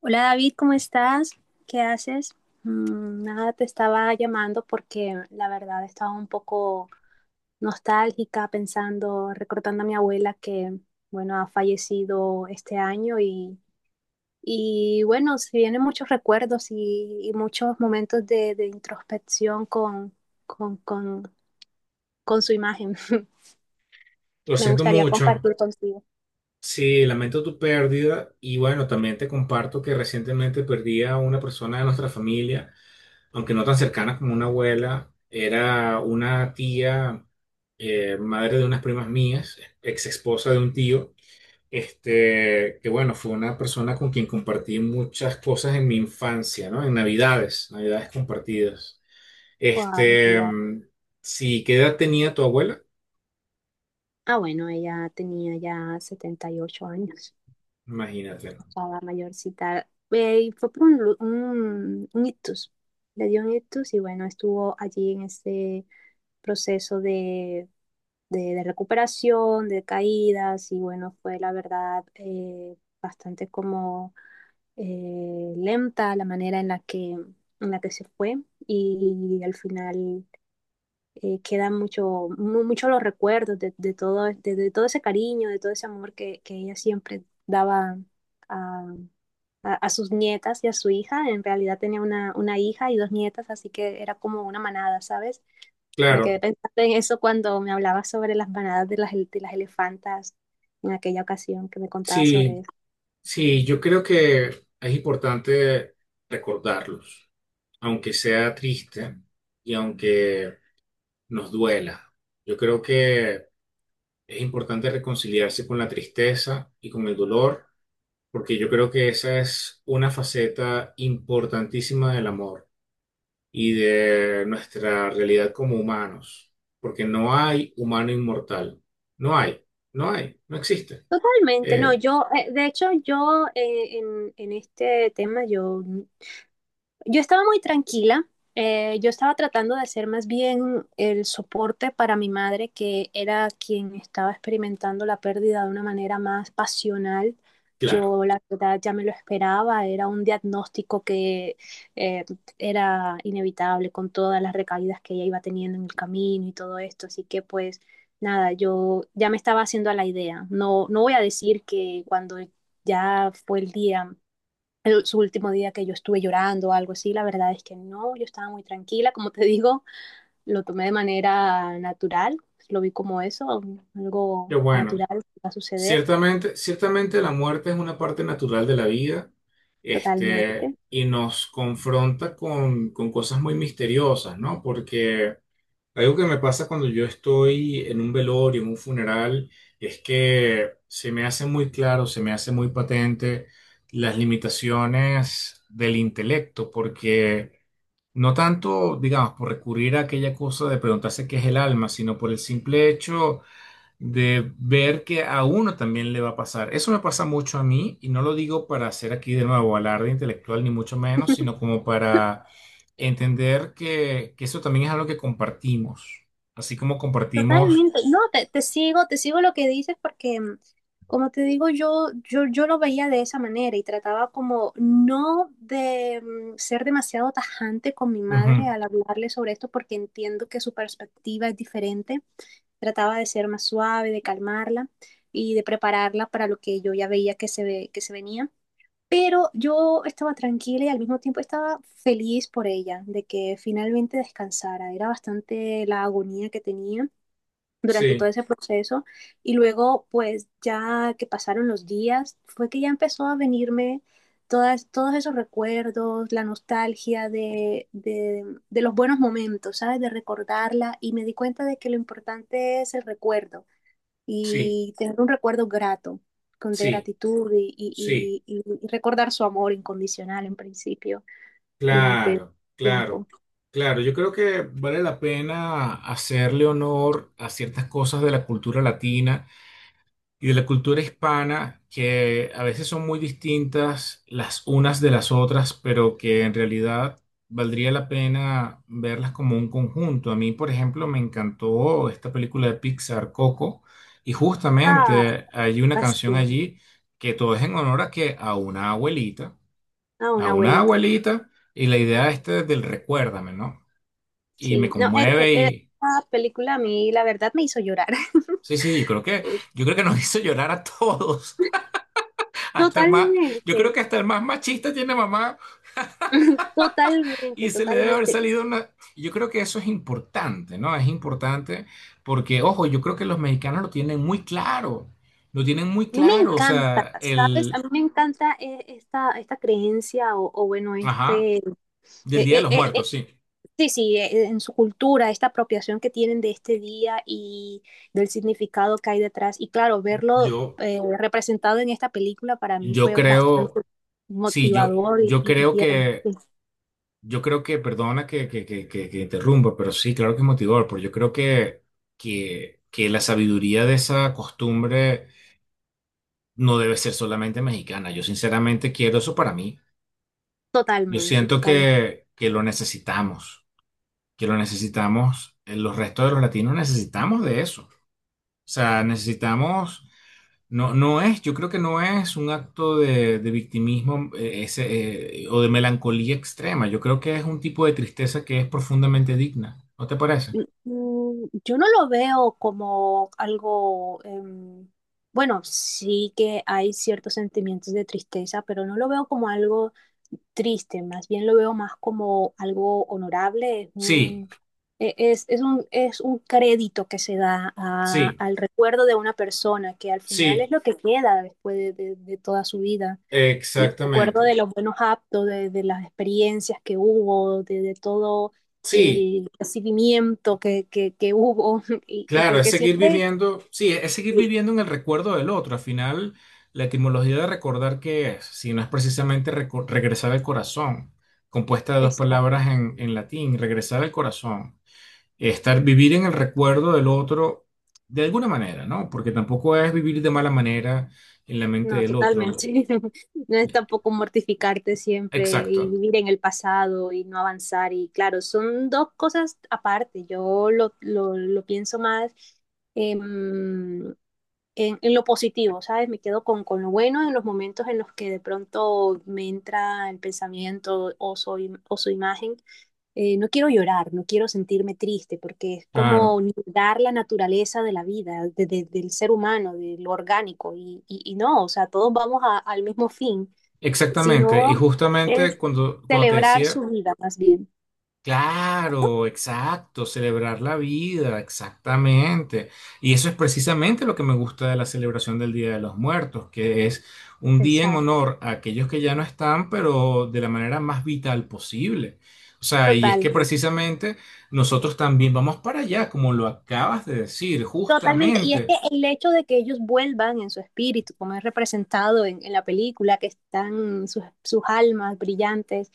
Hola David, ¿cómo estás? ¿Qué haces? Nada, te estaba llamando porque la verdad estaba un poco nostálgica pensando, recordando a mi abuela que, bueno, ha fallecido este año y bueno, se vienen muchos recuerdos y muchos momentos de introspección con, con, con su imagen. Lo Me siento gustaría mucho. compartir contigo. Sí, lamento tu pérdida y bueno, también te comparto que recientemente perdí a una persona de nuestra familia, aunque no tan cercana como una abuela, era una tía, madre de unas primas mías, ex esposa de un tío, este, que bueno, fue una persona con quien compartí muchas cosas en mi infancia, ¿no? En Navidades, Navidades compartidas. Wow. Este, mm, sí, ¿qué edad tenía tu abuela? Bueno, ella tenía ya 78 años. Imagínate, ¿no? Estaba mayorcita. Y fue por un ictus. Le dio un ictus y bueno, estuvo allí en ese proceso de recuperación, de caídas y bueno, fue la verdad bastante como lenta la manera en la que se fue y al final quedan mucho los recuerdos de todo, de todo ese cariño, de todo ese amor que ella siempre daba a, a sus nietas y a su hija. En realidad tenía una hija y dos nietas, así que era como una manada, ¿sabes? Me quedé Claro, pensando en eso cuando me hablabas sobre las manadas de de las elefantas en aquella ocasión que me contabas sobre sí. eso. Sí, yo creo que es importante recordarlos, aunque sea triste y aunque nos duela. Yo creo que es importante reconciliarse con la tristeza y con el dolor, porque yo creo que esa es una faceta importantísima del amor y de nuestra realidad como humanos, porque no hay humano inmortal. No hay, no existe. Totalmente. No, Eh, yo, de hecho, yo en este tema, yo... Yo estaba muy tranquila. Yo estaba tratando de hacer más bien el soporte para mi madre, que era quien estaba experimentando la pérdida de una manera más pasional. claro, Yo, la verdad, ya me lo esperaba. Era un diagnóstico que eh, era inevitable con todas las recaídas que ella iba teniendo en el camino y todo esto. Así que, pues, nada, yo ya me estaba haciendo a la idea. No, no voy a decir que cuando ya fue el día su último día que yo estuve llorando o algo así, la verdad es que no, yo estaba muy tranquila, como te digo, lo tomé de manera natural, lo vi como eso, qué algo bueno. natural que va a suceder. Ciertamente, ciertamente la muerte es una parte natural de la vida, Totalmente. este, y nos confronta con cosas muy misteriosas, ¿no? Porque algo que me pasa cuando yo estoy en un velorio, en un funeral, es que se me hace muy claro, se me hace muy patente las limitaciones del intelecto, porque no tanto, digamos, por recurrir a aquella cosa de preguntarse qué es el alma, sino por el simple hecho de ver que a uno también le va a pasar. Eso me pasa mucho a mí y no lo digo para hacer aquí de nuevo alarde intelectual ni mucho menos, sino como para entender que eso también es algo que compartimos, así como compartimos... Totalmente. No, te sigo lo que dices porque, como te digo, yo lo veía de esa manera y trataba como no de ser demasiado tajante con mi madre ujú, al hablarle sobre esto porque entiendo que su perspectiva es diferente. Trataba de ser más suave, de calmarla y de prepararla para lo que yo ya veía que que se venía. Pero yo estaba tranquila y al mismo tiempo estaba feliz por ella, de que finalmente descansara. Era bastante la agonía que tenía durante todo sí, ese proceso y luego pues ya que pasaron los días fue que ya empezó a venirme todos esos recuerdos, la nostalgia de los buenos momentos, ¿sabes? De recordarla y me di cuenta de que lo importante es el recuerdo sí, y tener un recuerdo grato, con de sí, gratitud sí, y recordar su amor incondicional en principio durante claro, claro, tiempo. claro. Yo creo que vale la pena hacerle honor a ciertas cosas de la cultura latina y de la cultura hispana, que a veces son muy distintas las unas de las otras, pero que en realidad valdría la pena verlas como un conjunto. A mí, por ejemplo, me encantó esta película de Pixar, Coco, y Ah, justamente hay una así, canción allí que todo es en honor a que a a una una abuelita. abuelita, y la idea esta del recuérdame, ¿no? Y me Sí, no, conmueve y... esa película a mí la verdad me hizo llorar. Sí, sí, yo creo que nos hizo llorar a todos. Hasta más, yo creo Totalmente. que hasta el más machista tiene mamá y se le debe haber totalmente. salido una... Yo creo que eso es importante, ¿no? Es importante porque, ojo, yo creo que los mexicanos lo tienen muy claro, lo tienen muy A mí me claro, o encanta, sea, ¿sabes? A el... mí me encanta esta creencia o bueno, Ajá, este, del Día de eh, los eh, eh, Muertos, sí. sí, sí, en su cultura, esta apropiación que tienen de este día y del significado que hay detrás. Y claro, verlo Yo, representado en esta película para mí yo fue bastante creo, sí, motivador yo y creo tierno. que, Sí, yo creo que, perdona que interrumpa, pero sí, claro que es motivador, pero yo creo que la sabiduría de esa costumbre no debe ser solamente mexicana. Yo sinceramente quiero eso para mí. Yo siento totalmente. Que lo necesitamos, los restos de los latinos necesitamos de eso. O sea, necesitamos, no, no es, yo creo que no es un acto de victimismo ese, o de melancolía extrema. Yo creo que es un tipo de tristeza que es profundamente digna. ¿No te parece? Yo no lo veo como algo, bueno, sí que hay ciertos sentimientos de tristeza, pero no lo veo como algo triste, más bien lo veo más como algo honorable, es Sí, un, es un crédito que se da sí, al recuerdo de una persona que al final sí, es lo que queda después de de toda su vida. Y me acuerdo de exactamente. los buenos actos, de las experiencias que hubo, de todo Sí. el recibimiento que hubo, y Claro, es porque seguir siempre, viviendo, sí, es seguir sí, viviendo en el recuerdo del otro. Al final, la etimología de recordar qué es, si no es precisamente regresar al corazón, compuesta de dos exacto, palabras en latín, regresar al corazón, estar vivir en el recuerdo del otro de alguna manera, ¿no? Porque tampoco es vivir de mala manera en la mente no, del otro. totalmente, no es tampoco mortificarte siempre Exacto, y vivir en el pasado y no avanzar, y claro, son dos cosas aparte, yo lo pienso más em, en lo positivo, ¿sabes? Me quedo con lo bueno en los momentos en los que de pronto me entra el pensamiento o soy, o su imagen. No quiero llorar, no quiero sentirme triste, porque es claro, como negar la naturaleza de la vida, del ser humano, de lo orgánico, y no, o sea, todos vamos al mismo fin, exactamente. Y sino justamente es cuando, cuando te celebrar su decía vida más bien. claro, exacto, celebrar la vida, exactamente. Y eso es precisamente lo que me gusta de la celebración del Día de los Muertos, que es un día en Exacto, honor a aquellos que ya no están, pero de la manera más vital posible. O sea, y es total. que precisamente nosotros también vamos para allá, como lo acabas de decir, Totalmente, y es que justamente. el hecho de que ellos vuelvan en su espíritu, como es representado en la película, que están sus almas brillantes,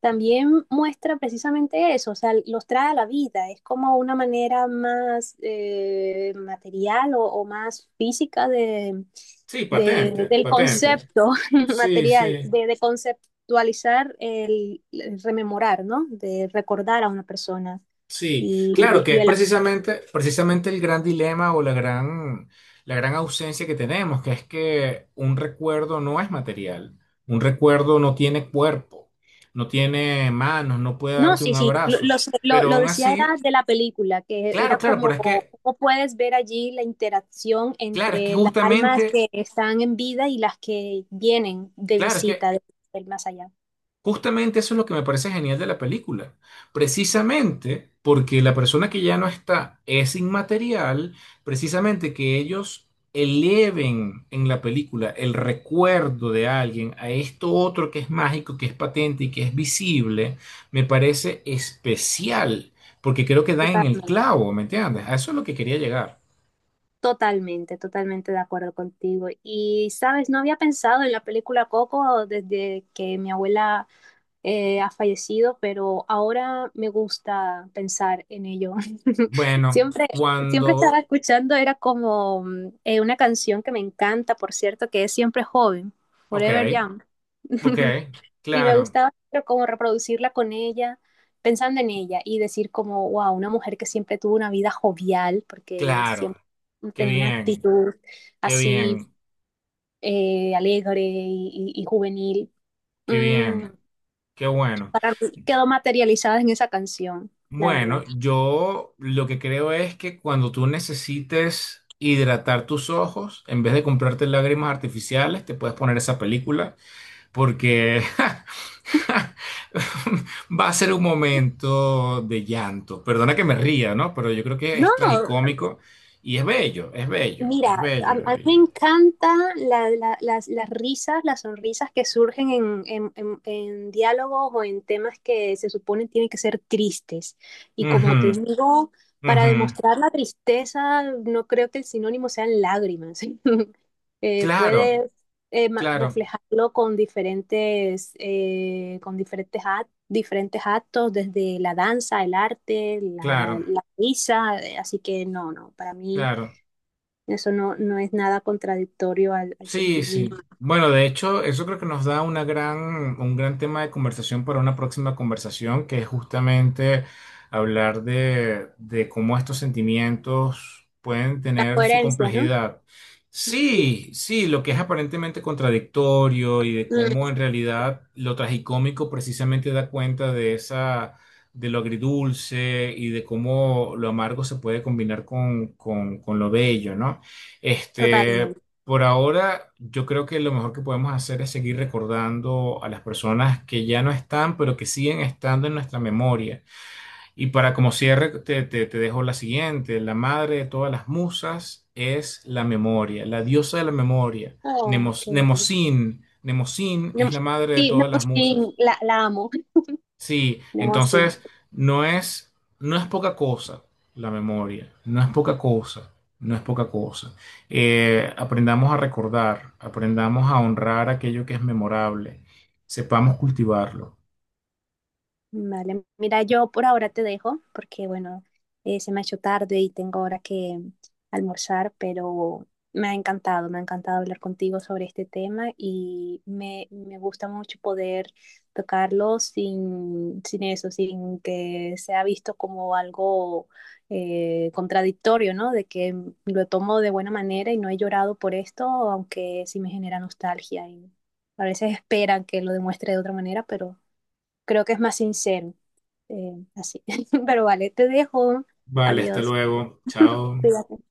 también muestra precisamente eso, o sea, los trae a la vida, es como una manera más material o más física de, Sí, patente, del patente. concepto Sí, material, sí. De conceptualizar el rememorar, ¿no? De recordar a una persona. Sí, Y, claro que y es el precisamente, precisamente el gran dilema o la gran ausencia que tenemos, que es que un recuerdo no es material, un recuerdo no tiene cuerpo, no tiene manos, no puede No, darte sí, un sí, abrazo, lo sé, pero lo aún decía era así, de la película, que claro, era claro, como pero es cómo que, puedes ver allí la interacción claro, es que entre las almas justamente, que están en vida y las que vienen de claro, es visita que del más allá. justamente eso es lo que me parece genial de la película. Precisamente porque la persona que ya no está es inmaterial, precisamente que ellos eleven en la película el recuerdo de alguien a esto otro que es mágico, que es patente y que es visible, me parece especial, porque creo que dan en el Totalmente, clavo, ¿me entiendes? A eso es lo que quería llegar. Totalmente de acuerdo contigo. Y, sabes, no había pensado en la película Coco desde que mi abuela ha fallecido, pero ahora me gusta pensar en ello. Bueno, Siempre, siempre estaba cuando... escuchando, era como una canción que me encanta, por cierto, que es Siempre Joven, Ok, Forever Young. ok, Y me claro, gustaba pero como reproducirla con ella, pensando en ella y decir como, wow, una mujer que siempre tuvo una vida jovial, porque claro, siempre qué tenía una bien, actitud qué así bien. Alegre y juvenil. Qué Mm, bien, qué bueno. para mí quedó materializada en esa canción, la verdad. Bueno, yo lo que creo es que cuando tú necesites hidratar tus ojos, en vez de comprarte lágrimas artificiales, te puedes poner esa película porque va a ser un momento de llanto. Perdona que me ría, ¿no? Pero yo creo que es No, tragicómico y es bello, es bello, es mira, a bello. mí me Y- encantan las risas, las sonrisas que surgen en, en diálogos o en temas que se supone tienen que ser tristes. Y como te digo, ujú, para ujú. demostrar la tristeza, no creo que el sinónimo sean lágrimas. Claro, puedes claro, reflejarlo con diferentes, con diferentes, diferentes actos, desde la danza, el arte, la, claro, la risa. Así que no, no, para mí. claro. Eso no, no es nada contradictorio al, al Sí, sentimiento. sí. Bueno, de hecho, eso creo que nos da una gran, un gran tema de conversación para una próxima conversación, que es justamente hablar de cómo estos sentimientos pueden La tener su coherencia, ¿no? complejidad. Sí, sí, lo que es aparentemente contradictorio y de cómo Mm, en realidad lo tragicómico precisamente da cuenta de esa, de lo agridulce y de cómo lo amargo se puede combinar con lo bello, ¿no? Este. totalmente. Por ahora, yo creo que lo mejor que podemos hacer es seguir recordando a las personas que ya no están, pero que siguen estando en nuestra memoria. Y para como cierre, te dejo la siguiente. La madre de todas las musas es la memoria, la diosa de la memoria. Oh, qué Nemos, bueno. Nemosín, Nemosín Nemo- es la madre de Sí, todas las Nemosín, musas. la amo. Sí, Nemosín. entonces no es, no es poca cosa la memoria, no es poca cosa, no es poca cosa. Aprendamos a recordar, aprendamos a honrar aquello que es memorable, sepamos cultivarlo. Vale, mira, yo por ahora te dejo porque, bueno, se me ha hecho tarde y tengo ahora que almorzar, pero me ha encantado hablar contigo sobre este tema y me gusta mucho poder tocarlo sin, sin eso, sin que sea visto como algo contradictorio, ¿no? De que lo tomo de buena manera y no he llorado por esto, aunque sí me genera nostalgia y a veces esperan que lo demuestre de otra manera, pero creo que es más sincero. Así. Pero vale, te dejo. Vale, hasta Adiós. luego, chao. Cuídate.